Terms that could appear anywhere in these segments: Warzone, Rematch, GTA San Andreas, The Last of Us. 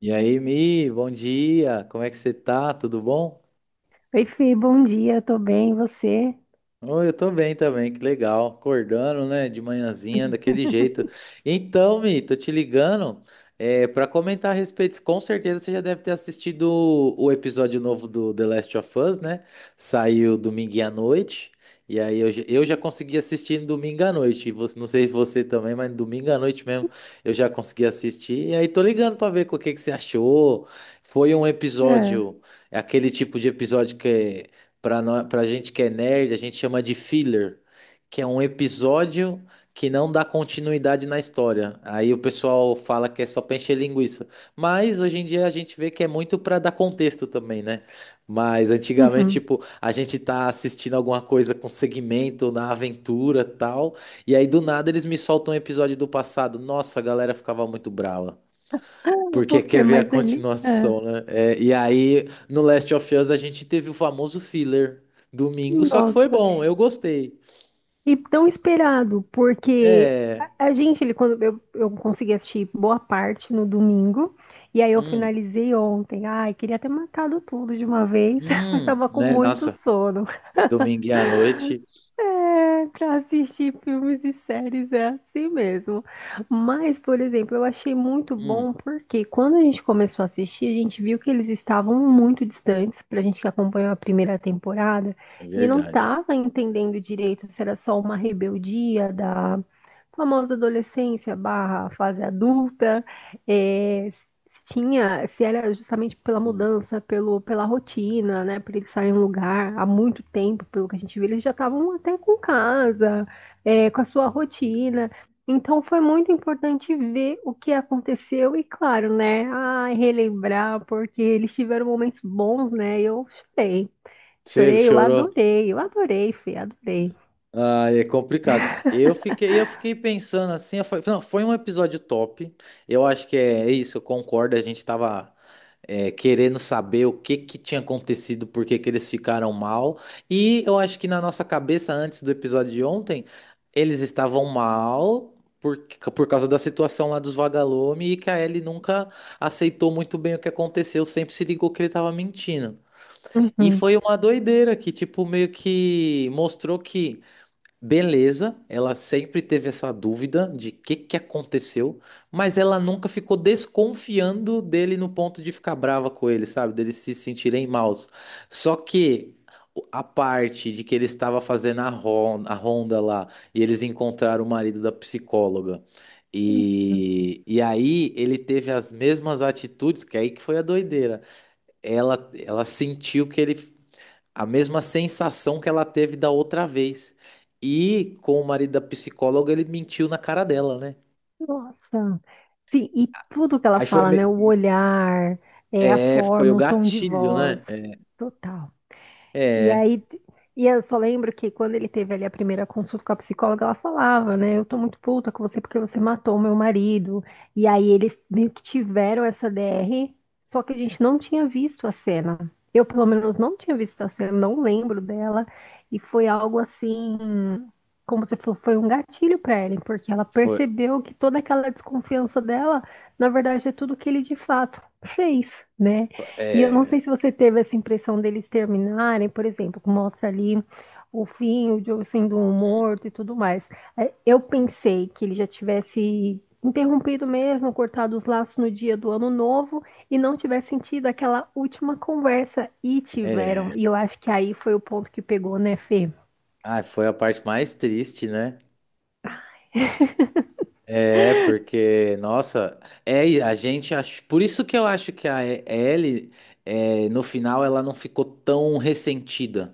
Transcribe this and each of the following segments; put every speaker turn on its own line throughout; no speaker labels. E aí, Mi, bom dia. Como é que você tá? Tudo bom?
Oi, Fê, bom dia, tô bem, e você?
Oh, eu tô bem também, que legal. Acordando, né, de manhãzinha, daquele jeito. Então, Mi, tô te ligando para comentar a respeito. Com certeza você já deve ter assistido o episódio novo do The Last of Us, né? Saiu domingo à noite. E aí eu já consegui assistir no domingo à noite. E você, não sei se você também, mas domingo à noite mesmo eu já consegui assistir. E aí tô ligando pra ver o que que você achou. Foi um
Ah,
episódio, é aquele tipo de episódio que é. Pra gente que é nerd, a gente chama de filler, que é um episódio que não dá continuidade na história. Aí o pessoal fala que é só pra encher linguiça. Mas hoje em dia a gente vê que é muito pra dar contexto também, né? Mas antigamente,
uhum.
tipo, a gente tá assistindo alguma coisa com segmento na aventura tal, e aí do nada eles me soltam um episódio do passado. Nossa, a galera ficava muito brava.
Ô,
Porque quer
Fê,
ver a
mas ali.
continuação, né? É, e aí, no Last of Us, a gente teve o famoso filler domingo, só que foi
Nossa,
bom, eu gostei.
e tão esperado, porque
É.
a gente, ele, quando eu consegui assistir boa parte no domingo, e aí eu
Hum,
finalizei ontem. Ai, queria ter matado tudo de uma vez, mas tava com
né?
muito
Nossa,
sono.
é domingo à noite.
É, pra assistir filmes e séries é assim mesmo. Mas, por exemplo, eu achei muito
Hum,
bom porque quando a gente começou a assistir, a gente viu que eles estavam muito distantes pra gente que acompanhou a primeira temporada
é
e não
verdade.
tava entendendo direito se era só uma rebeldia da famosa adolescência barra fase adulta, é, tinha, se era justamente pela
Hum.
mudança, pelo, pela rotina, né? Por eles saírem um lugar há muito tempo, pelo que a gente viu, eles já estavam até com casa, é, com a sua rotina. Então foi muito importante ver o que aconteceu e, claro, né? Ai, relembrar, porque eles tiveram momentos bons, né? E eu chorei.
Você
Chorei,
chorou?
eu adorei, Fê, adorei.
Ah, é complicado. Eu fiquei pensando assim, eu falei, não, foi um episódio top. Eu acho que é isso, eu concordo. A gente tava querendo saber o que que tinha acontecido, por que que eles ficaram mal. E eu acho que na nossa cabeça, antes do episódio de ontem, eles estavam mal por, por causa da situação lá dos vagalume e que a Ellie nunca aceitou muito bem o que aconteceu, sempre se ligou que ele tava mentindo. E
Uhum.
foi uma doideira que, tipo, meio que mostrou que. Beleza, ela sempre teve essa dúvida de o que que aconteceu, mas ela nunca ficou desconfiando dele no ponto de ficar brava com ele, sabe? Deles se sentirem maus. Só que a parte de que ele estava fazendo a ronda lá e eles encontraram o marido da psicóloga.
Uhum.
E aí ele teve as mesmas atitudes, que aí que foi a doideira. Ela sentiu que ele a mesma sensação que ela teve da outra vez. E com o marido da psicóloga, ele mentiu na cara dela, né?
Nossa. Sim, e tudo que ela
Aí foi,
fala,
me-
né? O olhar, é, a
é, Foi o
forma, o tom de
gatilho,
voz.
né?
Total. E
É,
aí, e eu só lembro que quando ele teve ali a primeira consulta com a psicóloga, ela falava, né? Eu tô muito puta com você porque você matou meu marido. E aí eles meio que tiveram essa DR, só que a gente não tinha visto a cena. Eu, pelo menos, não tinha visto a cena, não lembro dela. E foi algo assim, como você falou, foi um gatilho pra ela, porque ela
foi,
percebeu que toda aquela desconfiança dela, na verdade, é tudo que ele de fato fez, né? E eu não
é,
sei se você teve essa impressão deles terminarem, por exemplo, que mostra ali o fim, o Joe sendo um
hum,
morto e tudo mais. É, eu pensei que ele já tivesse interrompido mesmo, cortado os laços no dia do ano novo e não tivesse sentido aquela última conversa. E
é.
tiveram. E eu acho que aí foi o ponto que pegou, né, Fê?
Ah, foi a parte mais triste, né? É, porque, nossa, é, e a gente acho, por isso que eu acho que a Ellie, no final, ela não ficou tão ressentida.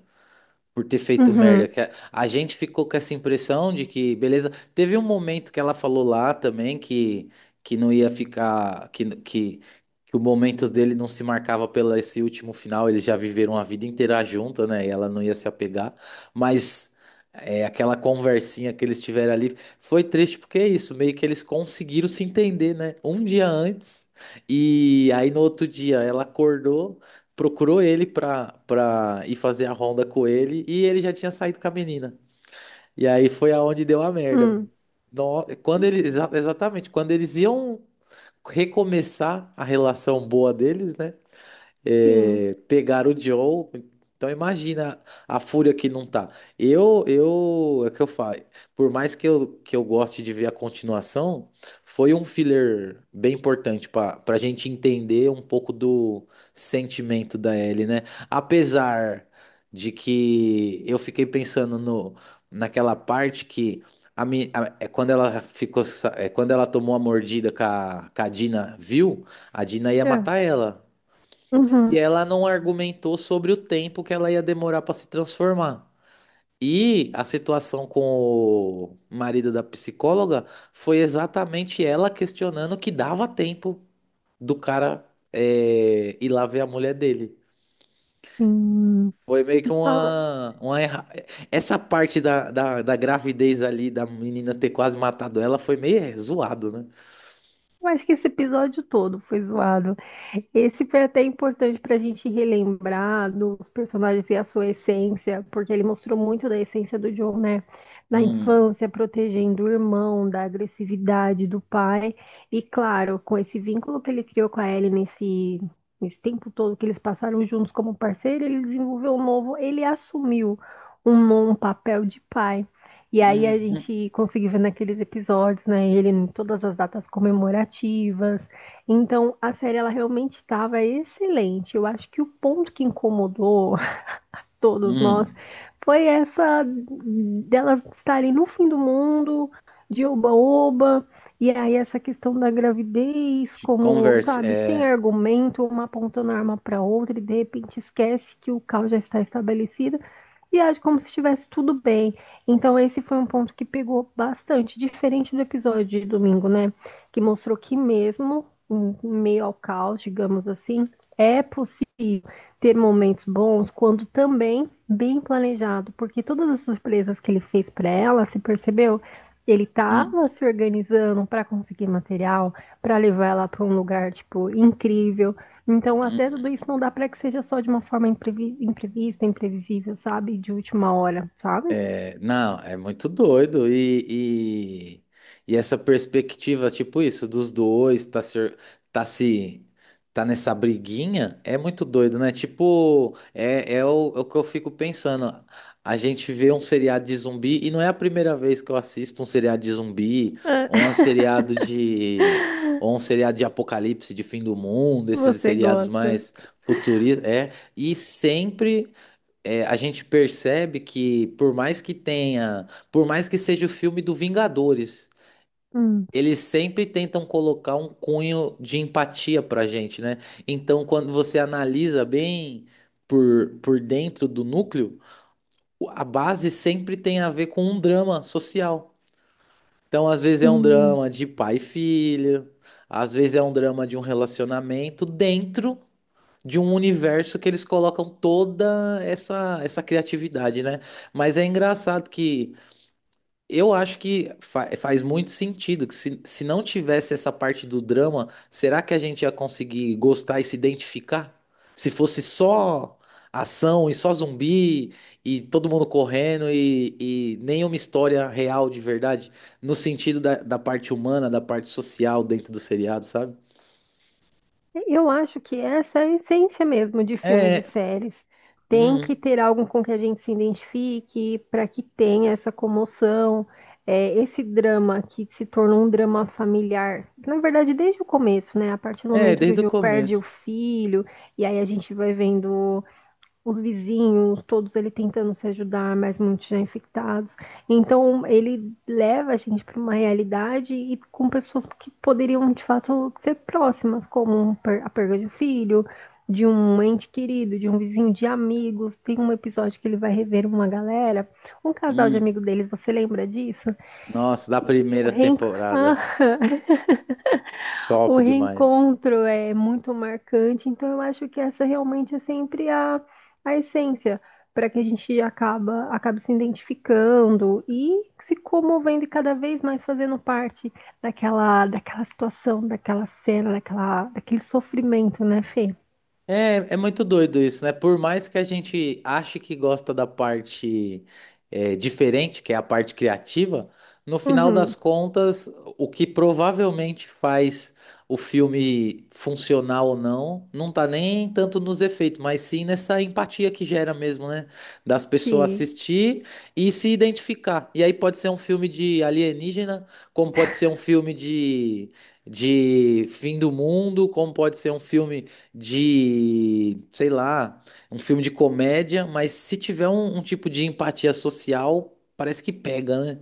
Por ter feito
Uhum.
merda. Que a gente ficou com essa impressão de que, beleza, teve um momento que ela falou lá também que não ia ficar, que o momento dele não se marcava pelo esse último final, eles já viveram a vida inteira junto, né? E ela não ia se apegar, mas aquela conversinha que eles tiveram ali foi triste porque é isso, meio que eles conseguiram se entender, né? Um dia antes. E aí no outro dia ela acordou procurou ele pra ir fazer a ronda com ele e ele já tinha saído com a menina. E aí foi aonde deu a merda.
Hum. E,
Quando eles, exatamente, quando eles iam recomeçar a relação boa deles, né?
sim.
É, pegar o Joe. Então imagina a fúria que não tá. É o que eu falo. Por mais que eu goste de ver a continuação, foi um filler bem importante para a gente entender um pouco do sentimento da Ellie, né? Apesar de que eu fiquei pensando no, naquela parte que a, mi- a- é quando ela ficou, quando ela tomou a mordida que a Dina viu, a Dina ia matar
É.
ela que
Uhum.
ela não argumentou sobre o tempo que ela ia demorar para se transformar. E a situação com o marido da psicóloga foi exatamente ela questionando que dava tempo do cara ir lá ver a mulher dele.
Sim.
Foi meio que
E fala,
uma Essa parte da gravidez ali, da menina ter quase matado ela, foi meio zoado, né?
eu acho que esse episódio todo foi zoado. Esse foi até importante para a gente relembrar dos personagens e a sua essência, porque ele mostrou muito da essência do John, né? Na
Hum,
infância, protegendo o irmão, da agressividade do pai. E claro, com esse vínculo que ele criou com a Ellie nesse, nesse tempo todo que eles passaram juntos como parceiro, ele desenvolveu um novo, ele assumiu um papel de pai. E aí
hum,
a
hum,
gente conseguiu ver naqueles episódios, né? Ele em todas as datas comemorativas. Então a série ela realmente estava excelente. Eu acho que o ponto que incomodou todos nós,
hum.
foi essa delas estarem no fim do mundo, de oba-oba, e aí essa questão da gravidez,
De
como,
conversa,
sabe, sem
é.
argumento, uma apontando a arma para outra e de repente esquece que o caos já está estabelecido e age como se estivesse tudo bem. Então esse foi um ponto que pegou bastante, diferente do episódio de domingo, né? Que mostrou que mesmo em meio ao caos, digamos assim, é possível ter momentos bons quando também bem planejado, porque todas as surpresas que ele fez para ela, se percebeu, ele
Hum.
estava se organizando para conseguir material, para levar ela para um lugar tipo incrível. Então,
Hum.
até tudo isso não dá para que seja só de uma forma imprevista, imprevisível, sabe? De última hora, sabe?
É, não, é muito doido. Essa perspectiva, tipo isso, dos dois, tá se, tá se, tá nessa briguinha, é muito doido, né? Tipo, é o que eu fico pensando. A gente vê um seriado de zumbi, e não é a primeira vez que eu assisto um seriado de zumbi, ou um seriado de, ou um seriado de apocalipse, de fim do mundo, esses
Você
seriados
gosta.
mais futuristas, é, e sempre a gente percebe que por mais que seja o filme do Vingadores,
Hum,
eles sempre tentam colocar um cunho de empatia pra gente, né? Então, quando você analisa bem por dentro do núcleo, a base sempre tem a ver com um drama social. Então, às vezes é um
sim.
drama de pai e filho, às vezes é um drama de um relacionamento dentro de um universo que eles colocam toda essa criatividade, né? Mas é engraçado que eu acho que faz muito sentido que se não tivesse essa parte do drama, será que a gente ia conseguir gostar e se identificar? Se fosse só ação e só zumbi e todo mundo correndo e nenhuma história real de verdade, no sentido da parte humana, da parte social dentro do seriado, sabe?
Eu acho que essa é a essência mesmo de filmes e
É,
séries. Tem que
hum,
ter algo com que a gente se identifique, para que tenha essa comoção, é, esse drama que se tornou um drama familiar. Na verdade, desde o começo, né? A partir do
é,
momento que o
desde o
Joe perde o
começo.
filho, e aí a gente vai vendo os vizinhos, todos ele tentando se ajudar, mas muitos já infectados. Então, ele leva a gente para uma realidade e com pessoas que poderiam de fato ser próximas, como a perda de um filho, de um ente querido, de um vizinho, de amigos. Tem um episódio que ele vai rever uma galera, um casal de
Hum.
amigos deles, você lembra disso?
Nossa, da
E o
primeira
reencontro.
temporada.
O
Top demais.
reencontro é muito marcante, então eu acho que essa realmente é sempre a essência para que a gente acabe se identificando e se comovendo e cada vez mais fazendo parte daquela, daquela situação, daquela cena, daquela, daquele sofrimento, né, Fê?
É, é muito doido isso, né? Por mais que a gente ache que gosta da parte diferente, que é a parte criativa, no final das
Uhum,
contas, o que provavelmente faz o filme funcionar ou não, não tá nem tanto nos efeitos, mas sim nessa empatia que gera mesmo, né? Das pessoas
sim,
assistir e se identificar. E aí pode ser um filme de alienígena, como pode ser um filme de. De fim do mundo, como pode ser um filme de, sei lá, um filme de comédia, mas se tiver um tipo de empatia social, parece que pega, né?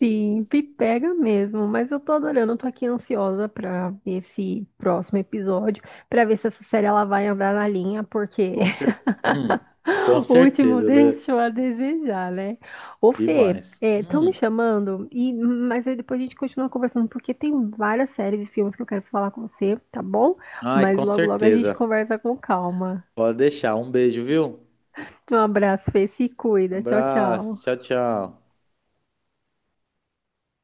sim, me pega mesmo, mas eu tô adorando, eu tô aqui ansiosa para ver esse próximo episódio, para ver se essa série ela vai andar na linha, porque
Com cer... Hum, com
O último
certeza, né?
deixou a desejar, né? Ô, Fê,
Demais.
estão me
Hum.
chamando, e, mas aí depois a gente continua conversando, porque tem várias séries e filmes que eu quero falar com você, tá bom?
Ai,
Mas
com
logo, logo a gente
certeza.
conversa com calma.
Pode deixar. Um beijo, viu?
Um abraço, Fê, se cuida. Tchau,
Abraço.
tchau.
Tchau, tchau.